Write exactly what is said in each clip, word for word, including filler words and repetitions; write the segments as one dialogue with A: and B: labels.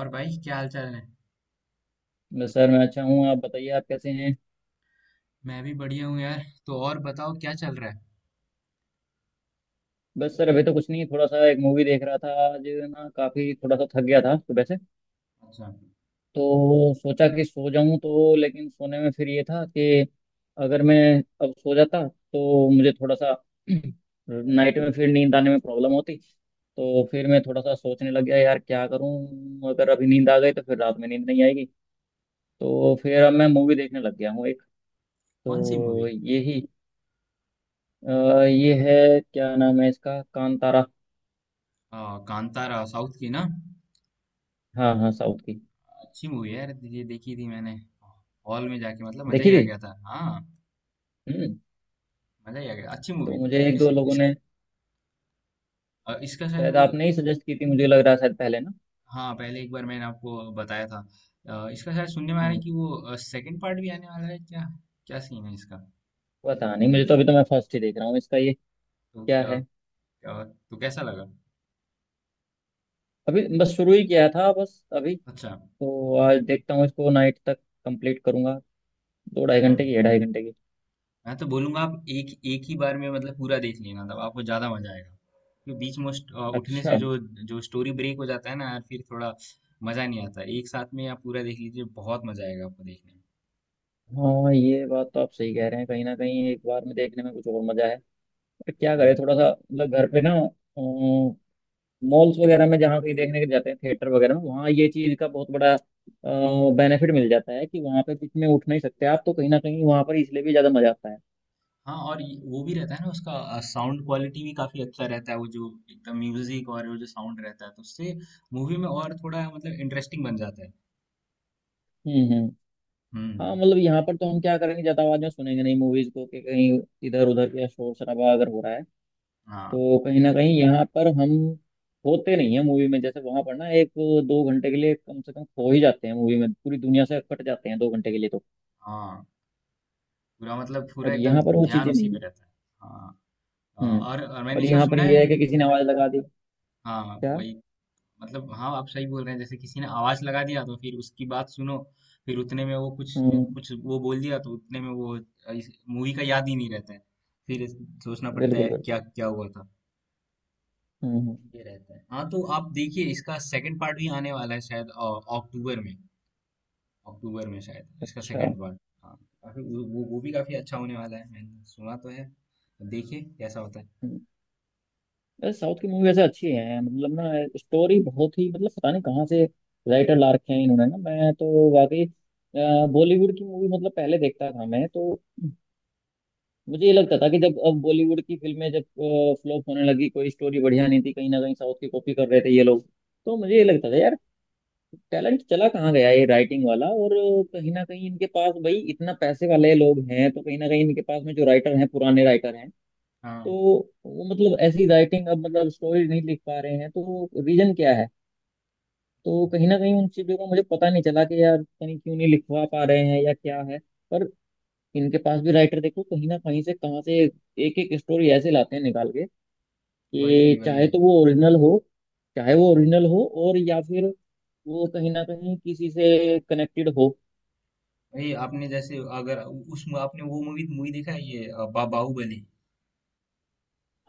A: और भाई क्या हाल चाल है।
B: बस सर मैं अच्छा हूँ। आप बताइए, आप कैसे हैं?
A: मैं भी बढ़िया हूँ यार। तो और बताओ क्या चल रहा है।
B: बस सर अभी तो कुछ नहीं, थोड़ा सा एक मूवी देख रहा था आज ना। काफ़ी थोड़ा सा थक गया था सुबह से,
A: अच्छा।
B: तो सोचा कि सो जाऊं। तो लेकिन सोने में फिर ये था कि अगर मैं अब सो जाता तो मुझे थोड़ा सा नाइट में फिर नींद आने में प्रॉब्लम होती। तो फिर मैं थोड़ा सा सोचने लग गया, यार क्या करूं, अगर अभी नींद आ गई तो फिर रात में नींद नहीं आएगी। तो फिर अब मैं मूवी देखने लग गया हूँ एक।
A: कौन सी मूवी?
B: तो यही। अ, ये है, क्या नाम है इसका, कांतारा।
A: कांतारा साउथ की ना?
B: हाँ हाँ, साउथ की।
A: अच्छी मूवी है यार, ये देखी थी मैंने हॉल में जाके, मतलब मजा
B: देखी
A: ही आ
B: थी।
A: गया था। हाँ,
B: हम्म।
A: मजा ही आ गया, अच्छी
B: तो
A: मूवी थी।
B: मुझे एक
A: इस
B: दो लोगों
A: इस
B: ने,
A: अ, इसका शायद
B: शायद
A: वो।
B: आपने ही सजेस्ट की थी, मुझे लग रहा है शायद पहले ना।
A: हाँ, पहले एक बार मैंने आपको बताया था। अ, इसका शायद सुनने में आ रहा है
B: हम्म।
A: कि वो सेकंड पार्ट भी आने वाला है क्या? क्या सीन है इसका?
B: पता नहीं, मुझे तो अभी तो मैं फर्स्ट ही देख रहा हूँ इसका ये
A: तो
B: क्या
A: क्या,
B: है।
A: क्या तो कैसा लगा?
B: अभी बस शुरू ही किया था बस अभी।
A: अच्छा।
B: तो आज देखता हूँ इसको नाइट तक, कंप्लीट करूंगा। दो ढाई
A: हाँ।
B: घंटे की है, ढाई घंटे की।
A: मैं तो बोलूंगा आप एक एक ही बार में मतलब पूरा देख लेना, तब आपको ज्यादा मजा आएगा। क्योंकि बीच में उस- अ, उठने से
B: अच्छा।
A: जो जो स्टोरी ब्रेक हो जाता है ना यार, फिर थोड़ा मजा नहीं आता। एक साथ में आप पूरा देख लीजिए, बहुत मजा आएगा आपको देखने में।
B: हाँ ये बात तो आप सही कह रहे हैं, कहीं ना कहीं एक बार में देखने में कुछ और मजा है। पर क्या
A: हम्म।
B: करें, थोड़ा सा मतलब घर पे ना, मॉल्स वगैरह में जहाँ कहीं देखने के जाते हैं, थिएटर वगैरह में, वहाँ ये चीज़ का बहुत बड़ा बेनिफिट मिल जाता है कि वहाँ पे बीच में उठ नहीं सकते आप, तो कहीं ना कहीं वहाँ पर इसलिए भी ज़्यादा मजा आता है।
A: हाँ, और ये- वो भी रहता है ना उसका, साउंड क्वालिटी भी काफी अच्छा रहता है, वो जो एकदम म्यूजिक और वो जो साउंड रहता है, तो उससे मूवी में और थोड़ा मतलब इंटरेस्टिंग बन जाता है।
B: हम्म हम्म। हाँ
A: हम्म।
B: मतलब यहाँ पर तो हम क्या करेंगे, ज़्यादा आवाज़ में सुनेंगे नहीं मूवीज को, कि कहीं इधर उधर या शोर शराबा अगर हो रहा है,
A: हाँ
B: तो कहीं ना कहीं यहाँ पर हम होते नहीं है मूवी में। जैसे वहाँ पर ना एक दो घंटे के लिए कम से कम खो ही जाते हैं मूवी में, पूरी दुनिया से कट जाते हैं दो घंटे के लिए। तो
A: हाँ, पूरा मतलब पूरा
B: और
A: एकदम
B: यहाँ पर वो
A: ध्यान
B: चीज़ें
A: उसी
B: नहीं
A: पे
B: है।
A: रहता है। हाँ। अ,
B: हम्म।
A: और, और मैंने
B: और
A: इसका
B: यहाँ पर
A: सुना
B: ये
A: है।
B: है कि किसी ने आवाज़ लगा दी।
A: हाँ
B: क्या।
A: वही, मतलब हाँ आप सही बोल रहे हैं, जैसे किसी ने आवाज लगा दिया तो फिर उसकी बात सुनो, फिर उतने में वो कुछ ने
B: हम्म।
A: कुछ वो बोल दिया, तो उतने में वो इस मूवी का याद ही नहीं रहता है। फिर इस- सोचना पड़ता है
B: बिल्कुल
A: यार
B: बिल्कुल।
A: क्या क्या हुआ था।
B: हम्म हम्म।
A: ये रहता है। हाँ तो आप देखिए, इसका सेकंड पार्ट भी आने वाला है शायद, अ, अक्टूबर में। अक्टूबर में शायद इसका
B: अच्छा।
A: Second part. हाँ। काफी वो वो वो भी काफी अच्छा होने वाला है, मैंने सुना तो है। देखिए कैसा होता है।
B: हम्म। यार साउथ की मूवी वैसे अच्छी है, मतलब ना स्टोरी बहुत ही, मतलब पता नहीं कहाँ से राइटर ला रखे हैं इन्होंने ना। मैं तो वाकई, बॉलीवुड की मूवी मतलब पहले देखता था मैं तो। मुझे ये लगता था कि जब अब बॉलीवुड की फिल्में जब फ्लॉप होने लगी, कोई स्टोरी बढ़िया नहीं थी, कहीं ना कहीं साउथ की कॉपी कर रहे थे ये लोग। तो मुझे ये लगता था यार, टैलेंट चला कहाँ गया ये राइटिंग वाला। और कहीं ना कहीं इनके पास भाई इतना पैसे वाले लोग हैं, तो कहीं ना कहीं इनके पास में जो राइटर हैं पुराने राइटर हैं, तो
A: हाँ।
B: वो मतलब ऐसी राइटिंग अब मतलब स्टोरी नहीं लिख पा रहे हैं, तो रीजन क्या है। तो
A: हाँ,
B: कहीं ना कहीं उन चीजों का मुझे पता नहीं चला कि यार पता नहीं क्यों नहीं लिखवा पा रहे हैं या क्या है। पर इनके पास भी राइटर देखो, कहीं ना कहीं से कहाँ से एक एक स्टोरी ऐसे लाते हैं निकाल के,
A: वही
B: कि
A: वही
B: चाहे तो वो ओरिजिनल हो, चाहे वो ओरिजिनल हो और या फिर वो कहीं ना कहीं किसी से कनेक्टेड हो।
A: वही आपने, जैसे अगर उस आपने वो मूवी मूवी देखा है ये अ, बा, बाहुबली।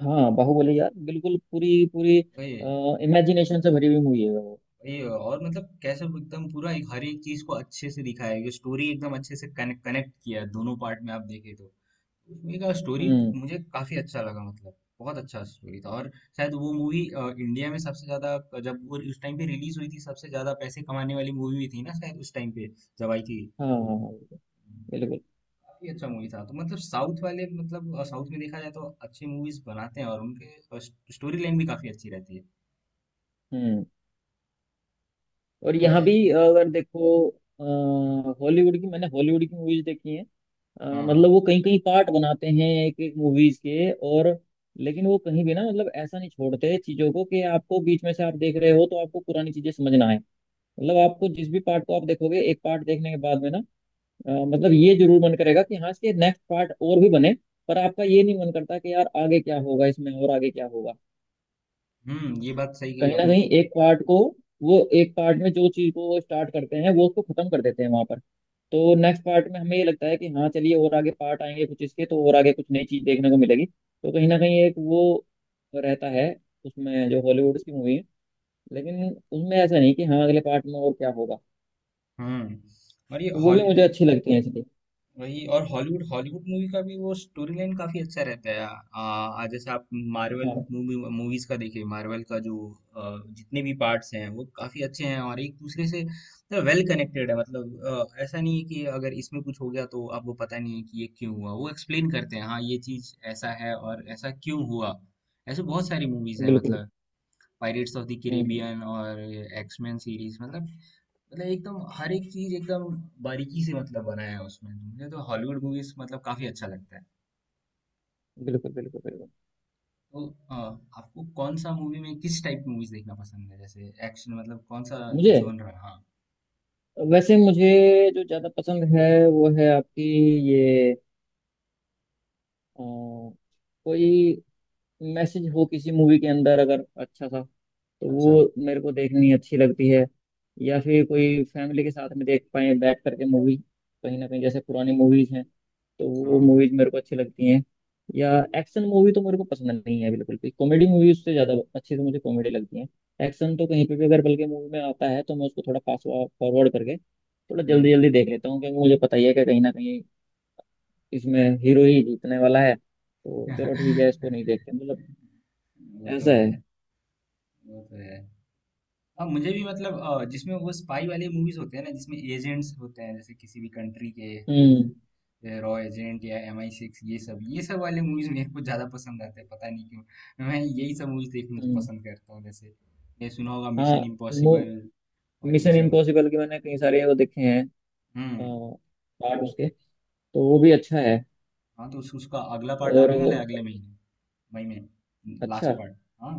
B: हाँ बाहुबली यार, बिल्कुल पूरी पूरी
A: वही।
B: इमेजिनेशन से भरी हुई मूवी है वो।
A: वही और मतलब कैसे एकदम पूरा एक हर एक चीज को अच्छे से दिखाया है, स्टोरी एकदम अच्छे से कनेक्ट कनेक्ट किया है दोनों पार्ट में आप देखे तो। उस मूवी का स्टोरी
B: हम्म।
A: मुझे काफी अच्छा लगा, मतलब बहुत अच्छा स्टोरी था। और शायद वो मूवी इंडिया में सबसे ज्यादा, जब वो उस टाइम पे रिलीज हुई थी, सबसे ज्यादा पैसे कमाने वाली मूवी भी थी ना शायद उस टाइम पे जब आई थी।
B: हाँ हाँ हाँ। बिल्कुल।
A: काफ़ी अच्छा मूवी था। तो मतलब साउथ वाले मतलब, अ, साउथ में देखा जाए तो अच्छी मूवीज़ बनाते हैं और उनके अ, स्टोरी लाइन भी काफ़ी अच्छी रहती है।
B: हम्म। और
A: तो
B: यहाँ
A: वैसे।
B: भी अगर देखो, हॉलीवुड की मैंने हॉलीवुड की मूवीज देखी हैं। अ,
A: हाँ।
B: मतलब वो कहीं कहीं पार्ट बनाते हैं एक एक मूवीज के। और लेकिन वो कहीं भी ना, मतलब ऐसा नहीं छोड़ते चीजों को कि आपको बीच में से आप देख रहे हो तो आपको पुरानी चीजें समझ ना आए। मतलब आपको जिस भी पार्ट को आप देखोगे, एक पार्ट देखने के बाद में ना अ, मतलब ये जरूर मन करेगा कि हाँ इसके नेक्स्ट पार्ट और भी बने। पर आपका ये नहीं मन करता कि यार आगे क्या होगा इसमें और आगे क्या होगा।
A: हुँ, ये बात सही कही
B: कहीं ना
A: आपने।
B: कहीं एक पार्ट को, वो एक पार्ट में जो चीज को वो स्टार्ट करते हैं वो उसको खत्म कर देते हैं वहां पर। तो नेक्स्ट पार्ट में हमें ये लगता है कि हाँ चलिए और आगे पार्ट आएंगे कुछ इसके, तो और आगे कुछ नई चीज देखने को मिलेगी, तो कहीं ना कहीं एक वो रहता है उसमें जो हॉलीवुड की मूवी है। लेकिन उसमें ऐसा नहीं कि हाँ अगले पार्ट में और क्या होगा।
A: हुँ। और ये
B: तो वो
A: हॉल
B: भी मुझे अच्छी लगती है इसलिए।
A: वही, और हॉलीवुड, हॉलीवुड मूवी का भी वो स्टोरी लाइन काफी अच्छा रहता है। आ, जैसे आप मार्वल
B: हाँ।
A: मूवी मूवीज का देखिए, मार्वल का जो आ, जितने भी पार्ट्स हैं वो काफी अच्छे हैं और एक दूसरे से वेल कनेक्टेड है, मतलब आ, ऐसा नहीं है कि अगर इसमें कुछ हो गया तो आपको पता नहीं है कि ये क्यों हुआ। वो एक्सप्लेन करते हैं, हाँ ये चीज ऐसा है और ऐसा क्यों हुआ। ऐसे बहुत सारी मूवीज हैं,
B: बिल्कुल।
A: मतलब pirates of the
B: hmm hmm.
A: Caribbean और एक्समैन सीरीज, मतलब मतलब एकदम हर एक चीज एकदम बारीकी से मतलब बनाया है उसमें, मुझे तो हॉलीवुड मूवीज मतलब काफी अच्छा लगता है।
B: बिल्कुल बिल्कुल बिल्कुल।
A: तो अ, आपको कौन सा मूवी में किस टाइप की मूवीज देखना पसंद है, जैसे एक्शन मतलब कौन सा
B: मुझे,
A: जोन रहा। हाँ।
B: वैसे मुझे जो ज्यादा पसंद है वो है आपकी ये अ, कोई मैसेज हो किसी मूवी के अंदर अगर अच्छा सा, तो
A: अच्छा।
B: वो मेरे को देखनी अच्छी लगती है। या फिर कोई फैमिली के साथ में देख पाए बैठ करके मूवी, कहीं ना कहीं जैसे पुरानी मूवीज हैं, तो वो
A: हाँ।
B: मूवीज मेरे को अच्छी लगती हैं। या एक्शन मूवी तो मेरे को पसंद नहीं है बिल्कुल भी, कॉमेडी मूवी उससे ज़्यादा अच्छी, तो मुझे कॉमेडी लगती है। एक्शन तो कहीं पे भी अगर बल्कि मूवी में आता है, तो मैं उसको थोड़ा फास्ट फॉरवर्ड करके थोड़ा
A: हम्म।
B: जल्दी जल्दी देख लेता हूँ, क्योंकि मुझे पता ही है कि कहीं ना कहीं इसमें हीरो ही जीतने वाला है, तो चलो ठीक है इसको नहीं देखते मतलब।
A: वो तो
B: ऐसा है।
A: है। वो तो है। हाँ मुझे भी मतलब, अ, जिसमें वो स्पाई वाले मूवीज होते हैं ना, जिसमें एजेंट्स होते हैं जैसे किसी भी कंट्री के,
B: हम्म
A: रॉ एजेंट या एम आई सिक्स, ये सब ये सब वाले मूवीज मेरे को ज्यादा पसंद आते हैं, पता नहीं क्यों। मैं यही सब मूवीज देखना तो
B: हम्म।
A: पसंद करता हूँ, जैसे ये सुना होगा
B: हाँ
A: मिशन इम्पॉसिबल और ये
B: मिशन
A: सब।
B: इम्पॉसिबल के मैंने कई सारे वो देखे हैं,
A: हम्म।
B: पार्ट उसके। तो वो भी अच्छा है।
A: हाँ तो उस, उसका अगला पार्ट
B: और
A: आने वाला है अगले महीने, मई में।
B: अच्छा।
A: Last part. हाँ।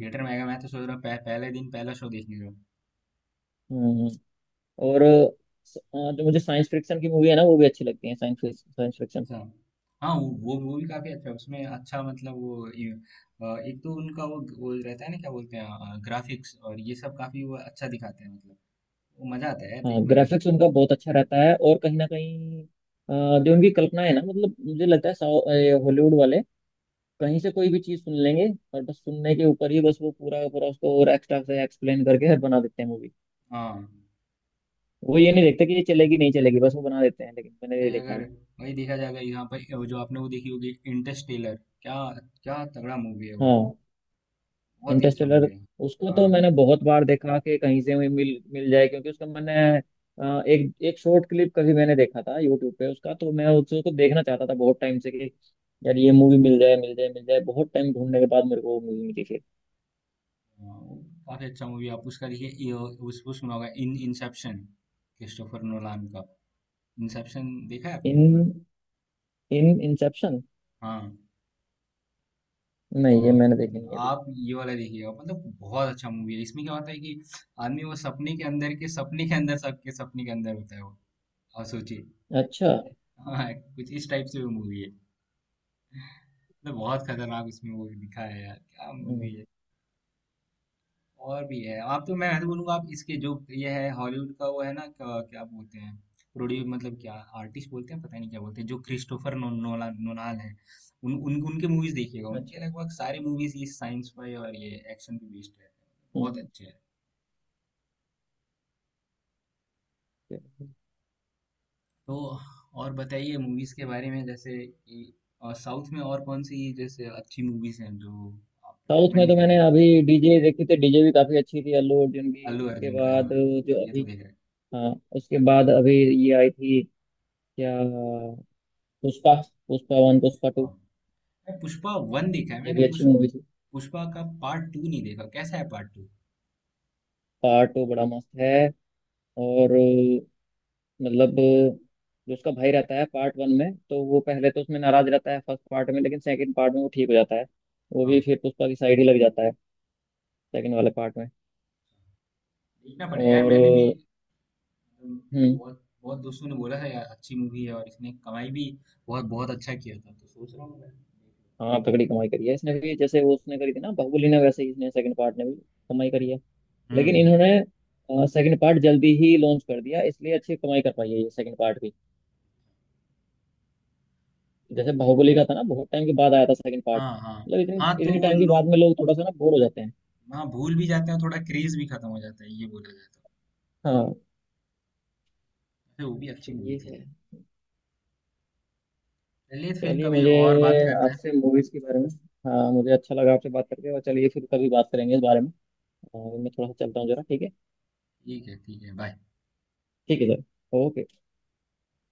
A: थिएटर में आएगा, मैं तो सोच रहा हूँ पह, पहले दिन पहला शो देखने जाऊँ।
B: हम्म। और स- अ, जो मुझे साइंस फिक्शन की मूवी है ना वो भी अच्छी लगती है, साइंस साइंस फिक्शन।
A: अच्छा। हाँ, वो वो वो भी काफी अच्छा है उसमें। अच्छा मतलब वो ये, अ, एक तो उनका वो वो रहता है ना, क्या बोलते हैं, ग्राफिक्स और ये सब काफी वो अच्छा दिखाते हैं, मतलब वो मजा आता है यार
B: हाँ
A: देखने में।
B: ग्राफिक्स उनका बहुत अच्छा रहता है, और कहीं ना कहीं अ, जो उनकी कल्पना है ना, मतलब मुझे लगता है साउ- ये हॉलीवुड वाले कहीं से कोई भी चीज सुन लेंगे, और बस सुनने के ऊपर ही बस वो पूरा का पूरा उसको और एक्स्ट्रा से एक्सप्लेन करके बना देते हैं मूवी।
A: हाँ।
B: वो ये नहीं देखते कि ये चलेगी नहीं चलेगी, बस वो बना देते हैं, लेकिन मैंने ये
A: भाई
B: देखा
A: अगर,
B: है।
A: वही देखा जाए, अगर यहाँ पर वो जो आपने वो देखी होगी, इंटरस्टेलर। क्या। क्या तगड़ा मूवी है वो,
B: हाँ
A: बहुत ही अच्छा
B: इंटरस्टेलर।
A: मूवी है।
B: उसको तो
A: हाँ
B: मैंने बहुत बार देखा कि कहीं से भी मिल मिल जाए, क्योंकि उसका मैंने अ, एक एक शॉर्ट क्लिप कभी मैंने देखा था यूट्यूब पे उसका। तो मैं उसको देखना चाहता था बहुत टाइम से कि यार ये मूवी मिल जाए मिल जाए मिल जाए। बहुत टाइम ढूंढने के बाद मेरे को वो मूवी मिली फिर।
A: हाँ, वो काफी अच्छा मूवी है, आप उसका देखिए। ये- उस वो सुना होगा इन इंसेप्शन, क्रिस्टोफर नोलान का। इंसेप्शन देखा है आपने?
B: इन इन इंसेप्शन,
A: हाँ।
B: नहीं ये
A: और
B: मैंने देखी नहीं अभी।
A: आप ये वाला देखिएगा, मतलब बहुत अच्छा मूवी है। इसमें क्या होता है कि आदमी वो सपने के अंदर के सपने के अंदर सबके सपने के अंदर होता है वो, आप सोचिए।
B: अच्छा।
A: हाँ, कुछ इस टाइप से वो मूवी है। मतलब बहुत खतरनाक उसमें वो दिखा है यार, क्या मूवी
B: हम्म।
A: है। और भी है, आप तो, मैं तो बोलूंगा आप इसके जो, ये है हॉलीवुड का वो है ना क्या, क्या बोलते हैं, प्रोड्यूस मतलब क्या आर्टिस्ट बोलते हैं, पता नहीं क्या बोलते हैं, जो क्रिस्टोफर नो, नोला नोलान है, उन, उन उनके मूवीज देखिएगा।
B: अच्छा।
A: उनके लगभग सारे मूवीज ये साइंस पे और ये एक्शन पे बेस्ड रहते हैं, बहुत
B: हम्म।
A: अच्छे हैं। तो और बताइए मूवीज के बारे में, जैसे ये, और साउथ में और कौन सी जैसे अच्छी मूवीज हैं जो आप
B: साउथ में
A: रिकमेंड
B: तो मैंने
A: करेंगे।
B: अभी डीजे देखी थी, डीजे भी काफी अच्छी थी अल्लू अर्जुन की।
A: अल्लू
B: उसके
A: अर्जुन का,
B: बाद
A: हाँ।
B: जो
A: ये तो
B: अभी,
A: देख रहे
B: हाँ उसके बाद अभी ये आई थी क्या, पुष्पा। पुष्पा वन, पुष्पा
A: हैं।
B: टू।
A: मैं पुष्पा वन देखा है
B: ये
A: मैंने
B: भी अच्छी
A: पुष,
B: मूवी थी।
A: पुष्पा का पार्ट टू नहीं देखा, कैसा है पार्ट टू?
B: पार्ट टू बड़ा मस्त है। और अ, मतलब अ, जो उसका भाई रहता है पार्ट वन में तो वो पहले तो उसमें नाराज रहता है फर्स्ट पार्ट में, लेकिन सेकंड पार्ट में वो ठीक हो जाता है। वो भी
A: हाँ,
B: फिर पुष्पा की साइड ही लग जाता है सेकंड वाले पार्ट में।
A: देखना पड़ेगा यार,
B: और
A: मैंने भी
B: अ,
A: अम,
B: हम्म।
A: बहुत बहुत दोस्तों ने बोला था यार अच्छी मूवी है, और इसने कमाई भी बहुत बहुत अच्छा किया था, तो सोच रहा हूँ मैं।
B: हाँ तगड़ी कमाई करी है इसने भी, जैसे वो उसने करी थी ना बाहुबली ने, वैसे ही इसने सेकंड पार्ट ने भी कमाई करी है। लेकिन
A: हम्म।
B: इन्होंने सेकंड पार्ट जल्दी ही लॉन्च कर दिया इसलिए अच्छी कमाई कर पाई है ये सेकंड पार्ट। जैसे बाहुबली का था ना, बहुत टाइम के बाद आया था सेकंड पार्ट,
A: हाँ हाँ
B: मतलब इतने
A: हाँ, तो
B: इतने
A: वो
B: टाइम के बाद
A: लोग।
B: में लोग थोड़ा सा ना बोर हो जाते हैं।
A: हाँ, भूल भी जाते हैं थोड़ा, क्रेज भी खत्म हो जाता है, ये बोला जाता है।
B: हाँ
A: वैसे वो भी अच्छी
B: तो
A: मूवी
B: ये
A: थी।
B: है।
A: चलिए फिर
B: चलिए
A: कभी
B: मुझे
A: और बात करते हैं।
B: आपसे मूवीज के बारे में, हाँ मुझे अच्छा लगा आपसे बात करके, और चलिए फिर कभी बात करेंगे इस बारे में। और मैं थोड़ा सा चलता हूँ जरा, ठीक है?
A: ठीक है, ठीक है, बाय।
B: ठीक है सर। ओके।